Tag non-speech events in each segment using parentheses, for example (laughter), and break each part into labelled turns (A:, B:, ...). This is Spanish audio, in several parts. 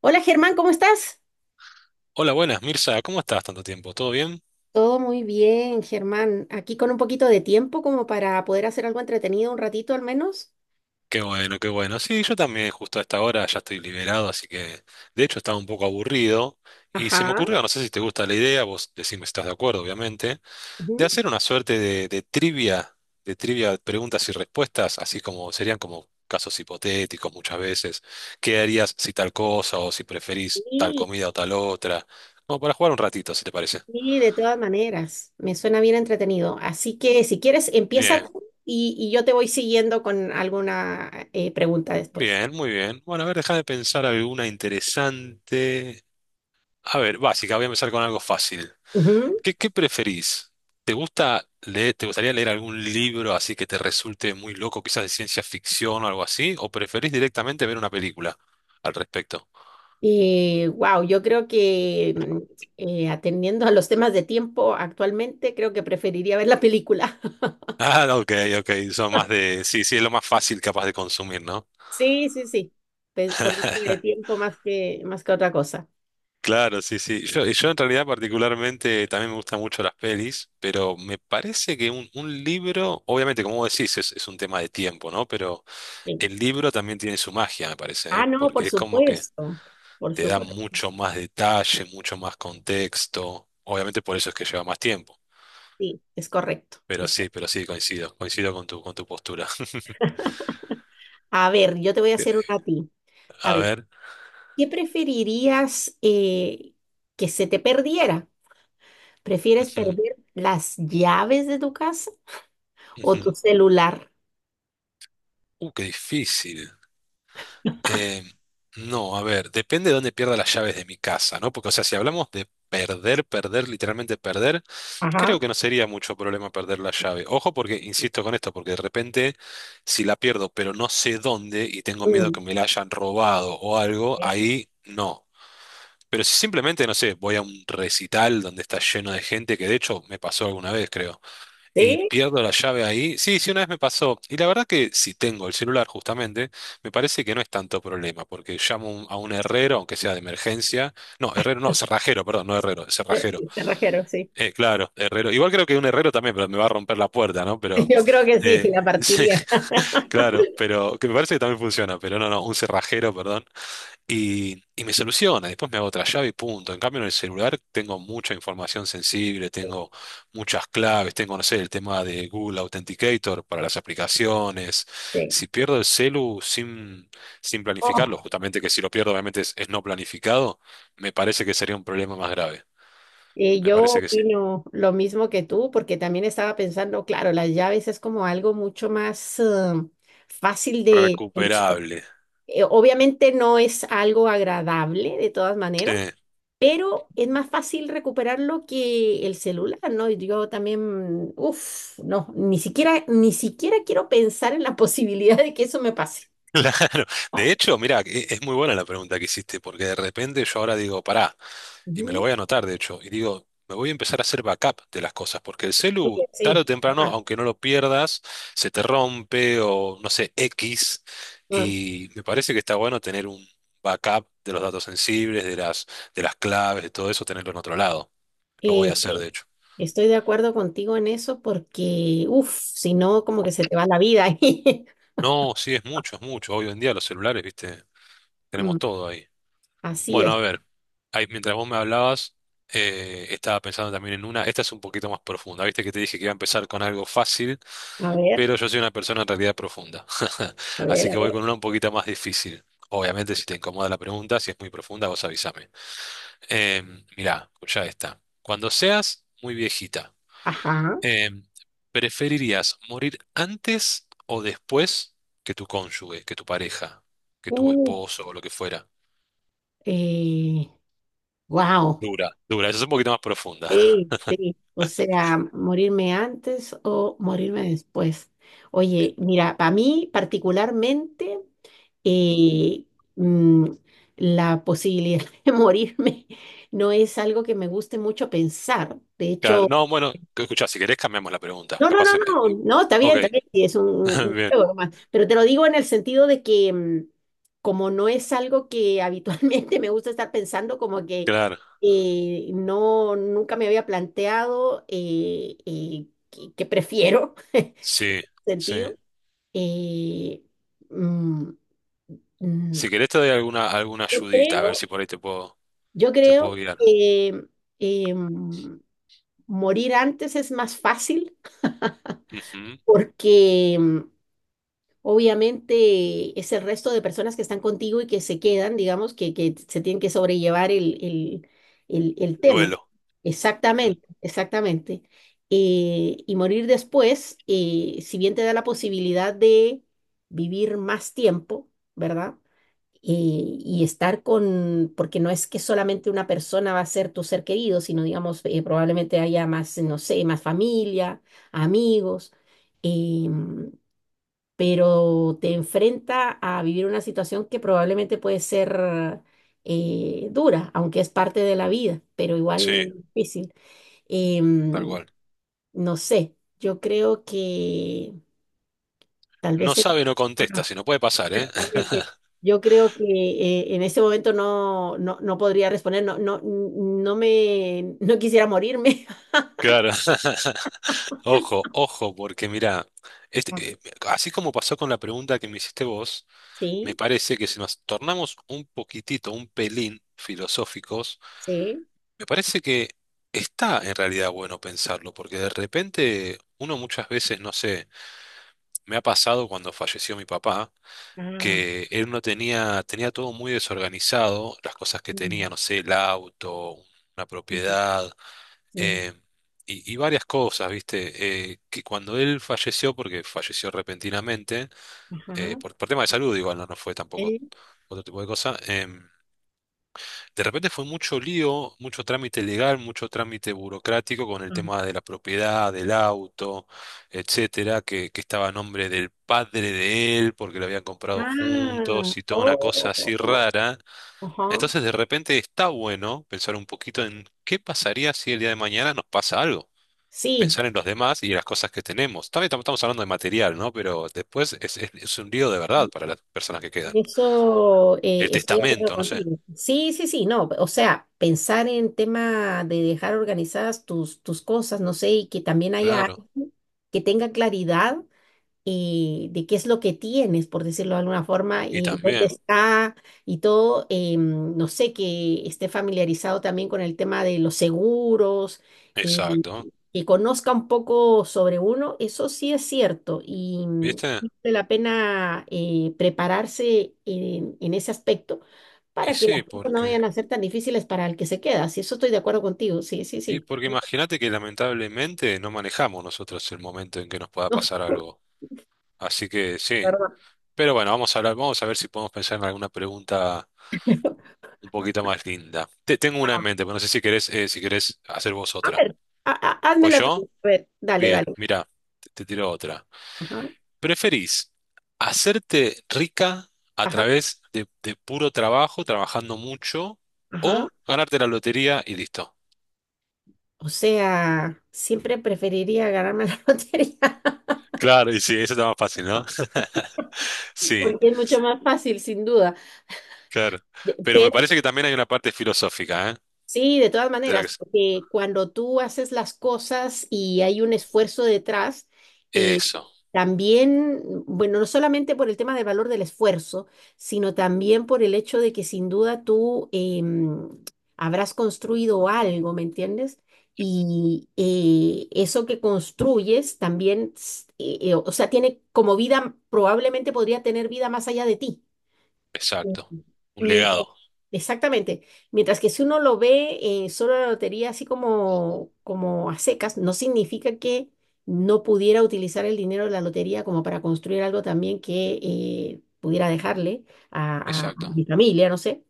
A: Hola Germán, ¿cómo estás?
B: Hola, buenas, Mirza, ¿cómo estás tanto tiempo? ¿Todo bien?
A: Todo muy bien, Germán. Aquí con un poquito de tiempo como para poder hacer algo entretenido un ratito al menos.
B: Qué bueno, qué bueno. Sí, yo también justo a esta hora ya estoy liberado, así que de hecho estaba un poco aburrido y se me
A: Ajá.
B: ocurrió, no sé si te gusta la idea, vos decime si estás de acuerdo, obviamente, de
A: Ujú.
B: hacer una suerte de trivia, de trivia de preguntas y respuestas, así como serían como casos hipotéticos muchas veces. ¿Qué harías si tal cosa o si preferís tal
A: Sí,
B: comida o tal otra? Como para jugar un ratito, si te parece.
A: sí, de todas maneras. Me suena bien entretenido. Así que si quieres, empieza
B: Bien,
A: tú y yo te voy siguiendo con alguna pregunta después.
B: bien, muy bien. Bueno, a ver, déjame pensar alguna interesante. A ver, básica, voy a empezar con algo fácil.
A: Ujú.
B: ¿Qué preferís? ¿Te gusta leer, te gustaría leer algún libro así que te resulte muy loco, quizás de ciencia ficción o algo así? ¿O preferís directamente ver una película al respecto? (laughs)
A: Wow, yo creo que atendiendo a los temas de tiempo actualmente, creo que preferiría ver la película.
B: Ah, ok, ok, son más de... Sí, sí, es lo más fácil capaz de consumir, ¿no?
A: Sí, sí, sí. Por un tema de
B: (laughs)
A: tiempo más que otra cosa.
B: Claro, sí, sí. Yo en realidad particularmente también me gustan mucho las pelis, pero me parece que un libro, obviamente como vos decís, es un tema de tiempo, ¿no? Pero...
A: Sí.
B: El libro también tiene su magia, me parece,
A: Ah,
B: ¿eh?
A: no, por
B: Porque es como que
A: supuesto. Por
B: te da
A: supuesto.
B: mucho más detalle, mucho más contexto. Obviamente por eso es que lleva más tiempo.
A: Sí, es correcto.
B: Pero sí, coincido, coincido con tu postura. (laughs)
A: A ver, yo te voy a hacer una a ti. A
B: A
A: ver,
B: ver.
A: ¿qué preferirías que se te perdiera? ¿Prefieres
B: Ujú,
A: perder las llaves de tu casa o tu
B: ujú.
A: celular?
B: Qué difícil. Eh, no, a ver, depende de dónde pierda las llaves de mi casa, ¿no? Porque, o sea, si hablamos de perder, perder, literalmente perder,
A: Ajá.
B: creo que no sería mucho problema perder la llave. Ojo, porque, insisto con esto, porque de repente, si la pierdo, pero no sé dónde y tengo miedo
A: Mm.
B: que me la hayan robado o algo, ahí no. Pero si simplemente, no sé, voy a un recital donde está lleno de gente, que de hecho me pasó alguna vez, creo y
A: Sí,
B: pierdo la llave ahí. Sí, sí, una vez me pasó. Y la verdad que si tengo el celular justamente, me parece que no es tanto problema, porque llamo a un herrero, aunque sea de emergencia. No, herrero no, cerrajero, perdón, no herrero, cerrajero.
A: sí, cerrajero, sí.
B: Claro, herrero. Igual creo que un herrero también, pero me va a romper la puerta, ¿no?
A: (laughs)
B: Pero,
A: Yo creo que sí, sí,
B: eh,
A: la
B: (laughs) sí,
A: partiría. (laughs)
B: claro, pero que me parece que también funciona, pero no, no, un cerrajero, perdón. Y me soluciona, después me hago otra llave y punto. En cambio, en el celular tengo mucha información sensible, tengo muchas claves, tengo, no sé, el tema de Google Authenticator para las aplicaciones.
A: Sí.
B: Si pierdo el celu sin planificarlo, justamente que si lo pierdo obviamente es no planificado, me parece que sería un problema más grave. Me
A: Yo
B: parece que sí.
A: opino lo mismo que tú, porque también estaba pensando, claro, las llaves es como algo mucho más fácil de solucionar.
B: Recuperable.
A: Obviamente no es algo agradable de todas
B: Sí,
A: maneras, pero es más fácil recuperarlo que el celular, ¿no? Y yo también, uff, no, ni siquiera quiero pensar en la (laughs) posibilidad de que eso me pase.
B: (laughs) claro. De hecho, mira, es muy buena la pregunta que hiciste, porque de repente yo ahora digo, pará. Y me lo
A: Ujú.
B: voy a anotar, de hecho, y digo, me voy a empezar a hacer backup de las cosas, porque el
A: Ok.
B: celu, tarde
A: Sí,
B: o temprano,
A: ¿verdad?
B: aunque no lo pierdas, se te rompe o no sé, X,
A: Ah,
B: y me parece que está bueno tener un backup de los datos sensibles, de las claves, de todo eso, tenerlo en otro lado. Lo voy a hacer,
A: sí.
B: de hecho.
A: Estoy de acuerdo contigo en eso porque, uff, si no, como que se te va la vida ahí. (laughs)
B: No, sí, es mucho, es mucho. Hoy en día los celulares, viste, tenemos
A: Mm.
B: todo ahí.
A: Así
B: Bueno,
A: es.
B: a ver, ahí, mientras vos me hablabas, estaba pensando también en una, esta es un poquito más profunda, viste que te dije que iba a empezar con algo fácil,
A: A ver,
B: pero yo soy una persona en realidad profunda, (laughs)
A: a ver,
B: así
A: a
B: que voy
A: ver.
B: con una un poquito más difícil. Obviamente, si te incomoda la pregunta, si es muy profunda, vos avísame. Mirá, ya está. Cuando seas muy viejita,
A: Ajá.
B: em, ¿preferirías morir antes o después que tu cónyuge, que tu pareja, que tu
A: Uh,
B: esposo o lo que fuera?
A: eh, wow.
B: Dura, dura. Esa es un poquito más profunda.
A: Sí,
B: (laughs)
A: sí. O sea, morirme antes o morirme después. Oye, mira, para mí particularmente,
B: Mm.
A: eh, mm, la posibilidad (laughs) de morirme no es algo que me guste mucho pensar. De
B: Claro.
A: hecho,
B: No, bueno, escucha si querés cambiamos la pregunta.
A: no, no, no,
B: Capaz.
A: no, no,
B: Ok,
A: está bien, sí, es
B: (laughs)
A: un
B: bien,
A: juego nomás. Pero te lo digo en el sentido de que, como no es algo que habitualmente (laughs) me gusta estar pensando, como que
B: claro.
A: no, nunca me había planteado que prefiero
B: Sí,
A: (laughs)
B: sí.
A: sentido. eh, mm, mm,
B: Si querés te doy alguna, alguna
A: yo
B: ayudita, a ver
A: creo,
B: si por ahí
A: yo
B: te puedo
A: creo
B: guiar.
A: que eh, mm, morir antes es más fácil (laughs)
B: Ujú.
A: porque obviamente es el resto de personas que están contigo y que se quedan, digamos, que se tienen que sobrellevar el tema.
B: Duelo. Ujú.
A: Exactamente, exactamente. Y morir después, si bien te da la posibilidad de vivir más tiempo, ¿verdad? Y estar con, porque no es que solamente una persona va a ser tu ser querido, sino, digamos, probablemente haya más, no sé, más familia, amigos. Em, pero te enfrenta a vivir una situación que probablemente puede ser dura, aunque es parte de la vida, pero
B: Sí,
A: igual difícil.
B: tal
A: Em,
B: cual.
A: no sé, yo creo que tal
B: No
A: vez
B: sabe, no
A: Ah,
B: contesta, si no puede pasar, ¿eh?
A: exactamente.
B: (laughs)
A: Yo creo que en ese momento no podría responder, no me, no quisiera morirme. (laughs)
B: Claro. (laughs) Ojo, ojo, porque mirá, este,
A: Ah.
B: eh, así como pasó con la pregunta que me hiciste vos. Me
A: Sí,
B: parece que si nos tornamos un poquitito, un pelín filosóficos,
A: sí.
B: me parece que está en realidad bueno pensarlo, porque de repente uno muchas veces, no sé, me ha pasado cuando falleció mi papá,
A: Ah,
B: que él no tenía, tenía todo muy desorganizado, las cosas que
A: mm,
B: tenía, no sé, el auto, una
A: mm,
B: propiedad,
A: sí.
B: eh, y varias cosas, ¿viste? Que cuando él falleció, porque falleció repentinamente,
A: Ajá.
B: por tema de salud igual, no, no fue
A: Eh,
B: tampoco otro tipo de cosa. De repente fue mucho lío, mucho trámite legal, mucho trámite burocrático con el tema de la propiedad, del auto, etcétera, que estaba a nombre del padre de él porque lo habían comprado
A: ah,
B: juntos y toda una cosa así
A: oh,
B: rara.
A: ajá.
B: Entonces de repente está bueno pensar un poquito en qué pasaría si el día de mañana nos pasa algo.
A: Sí,
B: Pensar en los demás y en las cosas que tenemos. También estamos hablando de material, ¿no? Pero después es, es un lío de verdad para las personas que quedan.
A: eso
B: El
A: estoy de acuerdo
B: testamento, no sé.
A: contigo. Sí, sí, sí, no, o sea, pensar en tema de dejar organizadas tus cosas, no sé, y que también haya
B: Claro.
A: alguien que tenga claridad de qué es lo que tienes, por decirlo de alguna forma,
B: Y
A: y dónde
B: también,
A: está y todo. No sé, que esté familiarizado también con el tema de los seguros, eh,
B: exacto.
A: que conozca un poco sobre uno, eso sí es cierto y
B: ¿Viste?
A: vale la pena prepararse en ese aspecto,
B: Y
A: para que
B: sí,
A: las cosas no
B: porque.
A: vayan a ser tan difíciles para el que se queda. Si eso estoy de acuerdo contigo, sí, sí,
B: Y
A: sí.
B: porque imagínate que lamentablemente no manejamos nosotros el momento en que nos pueda
A: (laughs) No,
B: pasar algo. Así que sí.
A: perdón.
B: Pero bueno, vamos a hablar, vamos a ver si podemos pensar en alguna pregunta un poquito más linda. Tengo una en mente, pero no sé si querés, si querés hacer vos
A: A
B: otra.
A: ver,
B: ¿Voy
A: házmela
B: yo?
A: tú. A ver, dale,
B: Bien,
A: dale.
B: mira, te tiro otra.
A: Ajá,
B: ¿Preferís hacerte rica a
A: ajá,
B: través de puro trabajo, trabajando mucho,
A: ajá.
B: o ganarte la lotería y listo?
A: O sea, siempre preferiría ganarme la (laughs) lotería
B: Claro, y sí, eso está más fácil, ¿no? (laughs) Sí,
A: porque es mucho más fácil, sin duda.
B: claro. Pero me
A: Pero
B: parece que también hay una parte filosófica, ¿eh?
A: sí, de todas
B: De la
A: maneras,
B: que...
A: porque cuando tú haces las cosas y hay un esfuerzo detrás, y
B: Eso,
A: también, bueno, no solamente por el tema del valor del esfuerzo, sino también por el hecho de que sin duda tú habrás construido algo, ¿me entiendes? Y eso que construyes también, o sea, tiene como vida, probablemente podría tener vida más allá de ti.
B: exacto. Un
A: Mientras,
B: legado.
A: exactamente. Mientras que si uno lo ve solo la lotería así como, como a secas, no significa que no pudiera utilizar el dinero de la lotería como para construir algo también que pudiera dejarle a
B: Exacto.
A: mi familia, no sé.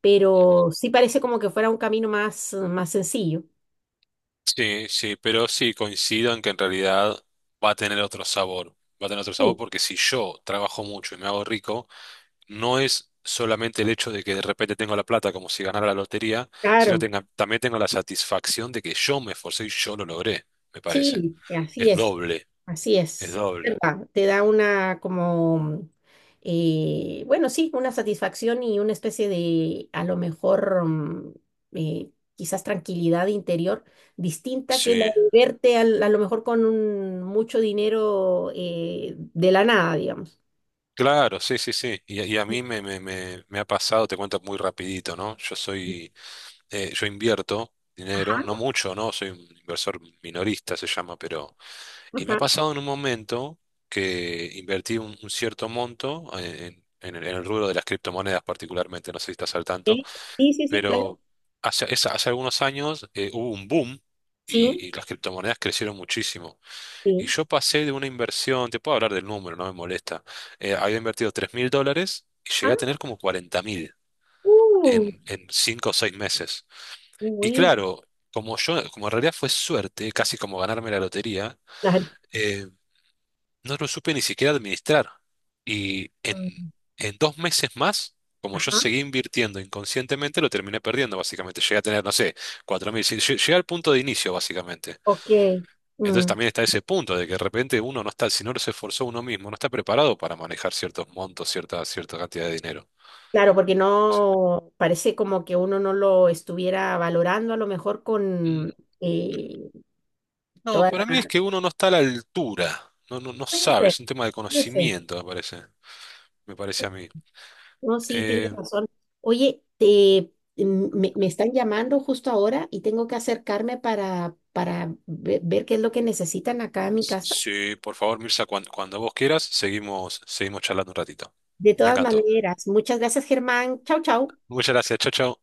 A: Pero sí parece como que fuera un camino más, más sencillo.
B: Sí, sí, pero sí coincido en que en realidad va a tener otro sabor. Va a tener otro sabor
A: Sí,
B: porque si yo trabajo mucho y me hago rico, no es solamente el hecho de que de repente tengo la plata como si ganara la lotería, sino
A: claro.
B: también tengo la satisfacción de que yo me esforcé y yo lo logré, me parece.
A: Sí,
B: Es doble,
A: así
B: es
A: es
B: doble.
A: verdad, te da una como, bueno, sí, una satisfacción y una especie de, a lo mejor, quizás tranquilidad interior distinta que la
B: Sí.
A: de verte a lo mejor con mucho dinero de la nada, digamos.
B: Claro, sí, sí, sí. Y a mí me ha pasado, te cuento muy rapidito, ¿no? Yo
A: Ujú.
B: soy, yo invierto
A: Ajá,
B: dinero, no mucho, ¿no? Soy un inversor minorista, se llama, pero... Y me ha
A: ajá.
B: pasado en un momento que invertí un cierto monto en el rubro de las criptomonedas particularmente, no sé si estás al tanto,
A: ¿Eh? Sí, sí, sí, claro.
B: pero hace, hace algunos años hubo un boom
A: Sí,
B: y las criptomonedas crecieron muchísimo. Y
A: sí.
B: yo pasé de una inversión, te puedo hablar del número, no me molesta. Había invertido 3.000 dólares y llegué
A: Ah,
B: a tener como 40.000
A: uh,
B: en 5 o 6 meses.
A: qué
B: Y
A: bueno.
B: claro, como yo, como en realidad fue suerte, casi como ganarme la lotería,
A: Claro.
B: eh, no lo supe ni siquiera administrar. Y en,
A: Mm.
B: en 2 meses más, como yo
A: Ajá,
B: seguí invirtiendo inconscientemente, lo terminé perdiendo, básicamente. Llegué a tener, no sé, 4.000. Sí, Llegué al punto de inicio, básicamente.
A: ok.
B: Entonces
A: Mm.
B: también está ese punto de que de repente uno no está, si no se esforzó uno mismo, no está preparado para manejar ciertos montos, cierta, cierta cantidad de dinero.
A: Claro, porque no parece como que uno no lo estuviera valorando a lo mejor con
B: Mm,
A: eh,
B: no,
A: toda
B: para mí es
A: la...
B: que uno no está a la altura, no, no, no
A: Puede
B: sabe,
A: ser,
B: es un tema de
A: puede ser.
B: conocimiento, me parece a mí.
A: No, sí, tienes
B: Eh,
A: razón. Oye, te, me me están llamando justo ahora y tengo que acercarme para ver qué es lo que necesitan acá en mi casa.
B: sí, por favor, Mirza, cuando, vos quieras, seguimos, seguimos charlando un ratito.
A: De
B: Me
A: todas
B: encantó.
A: maneras, muchas gracias, Germán. Chau, chau.
B: Muchas gracias, chao, chao.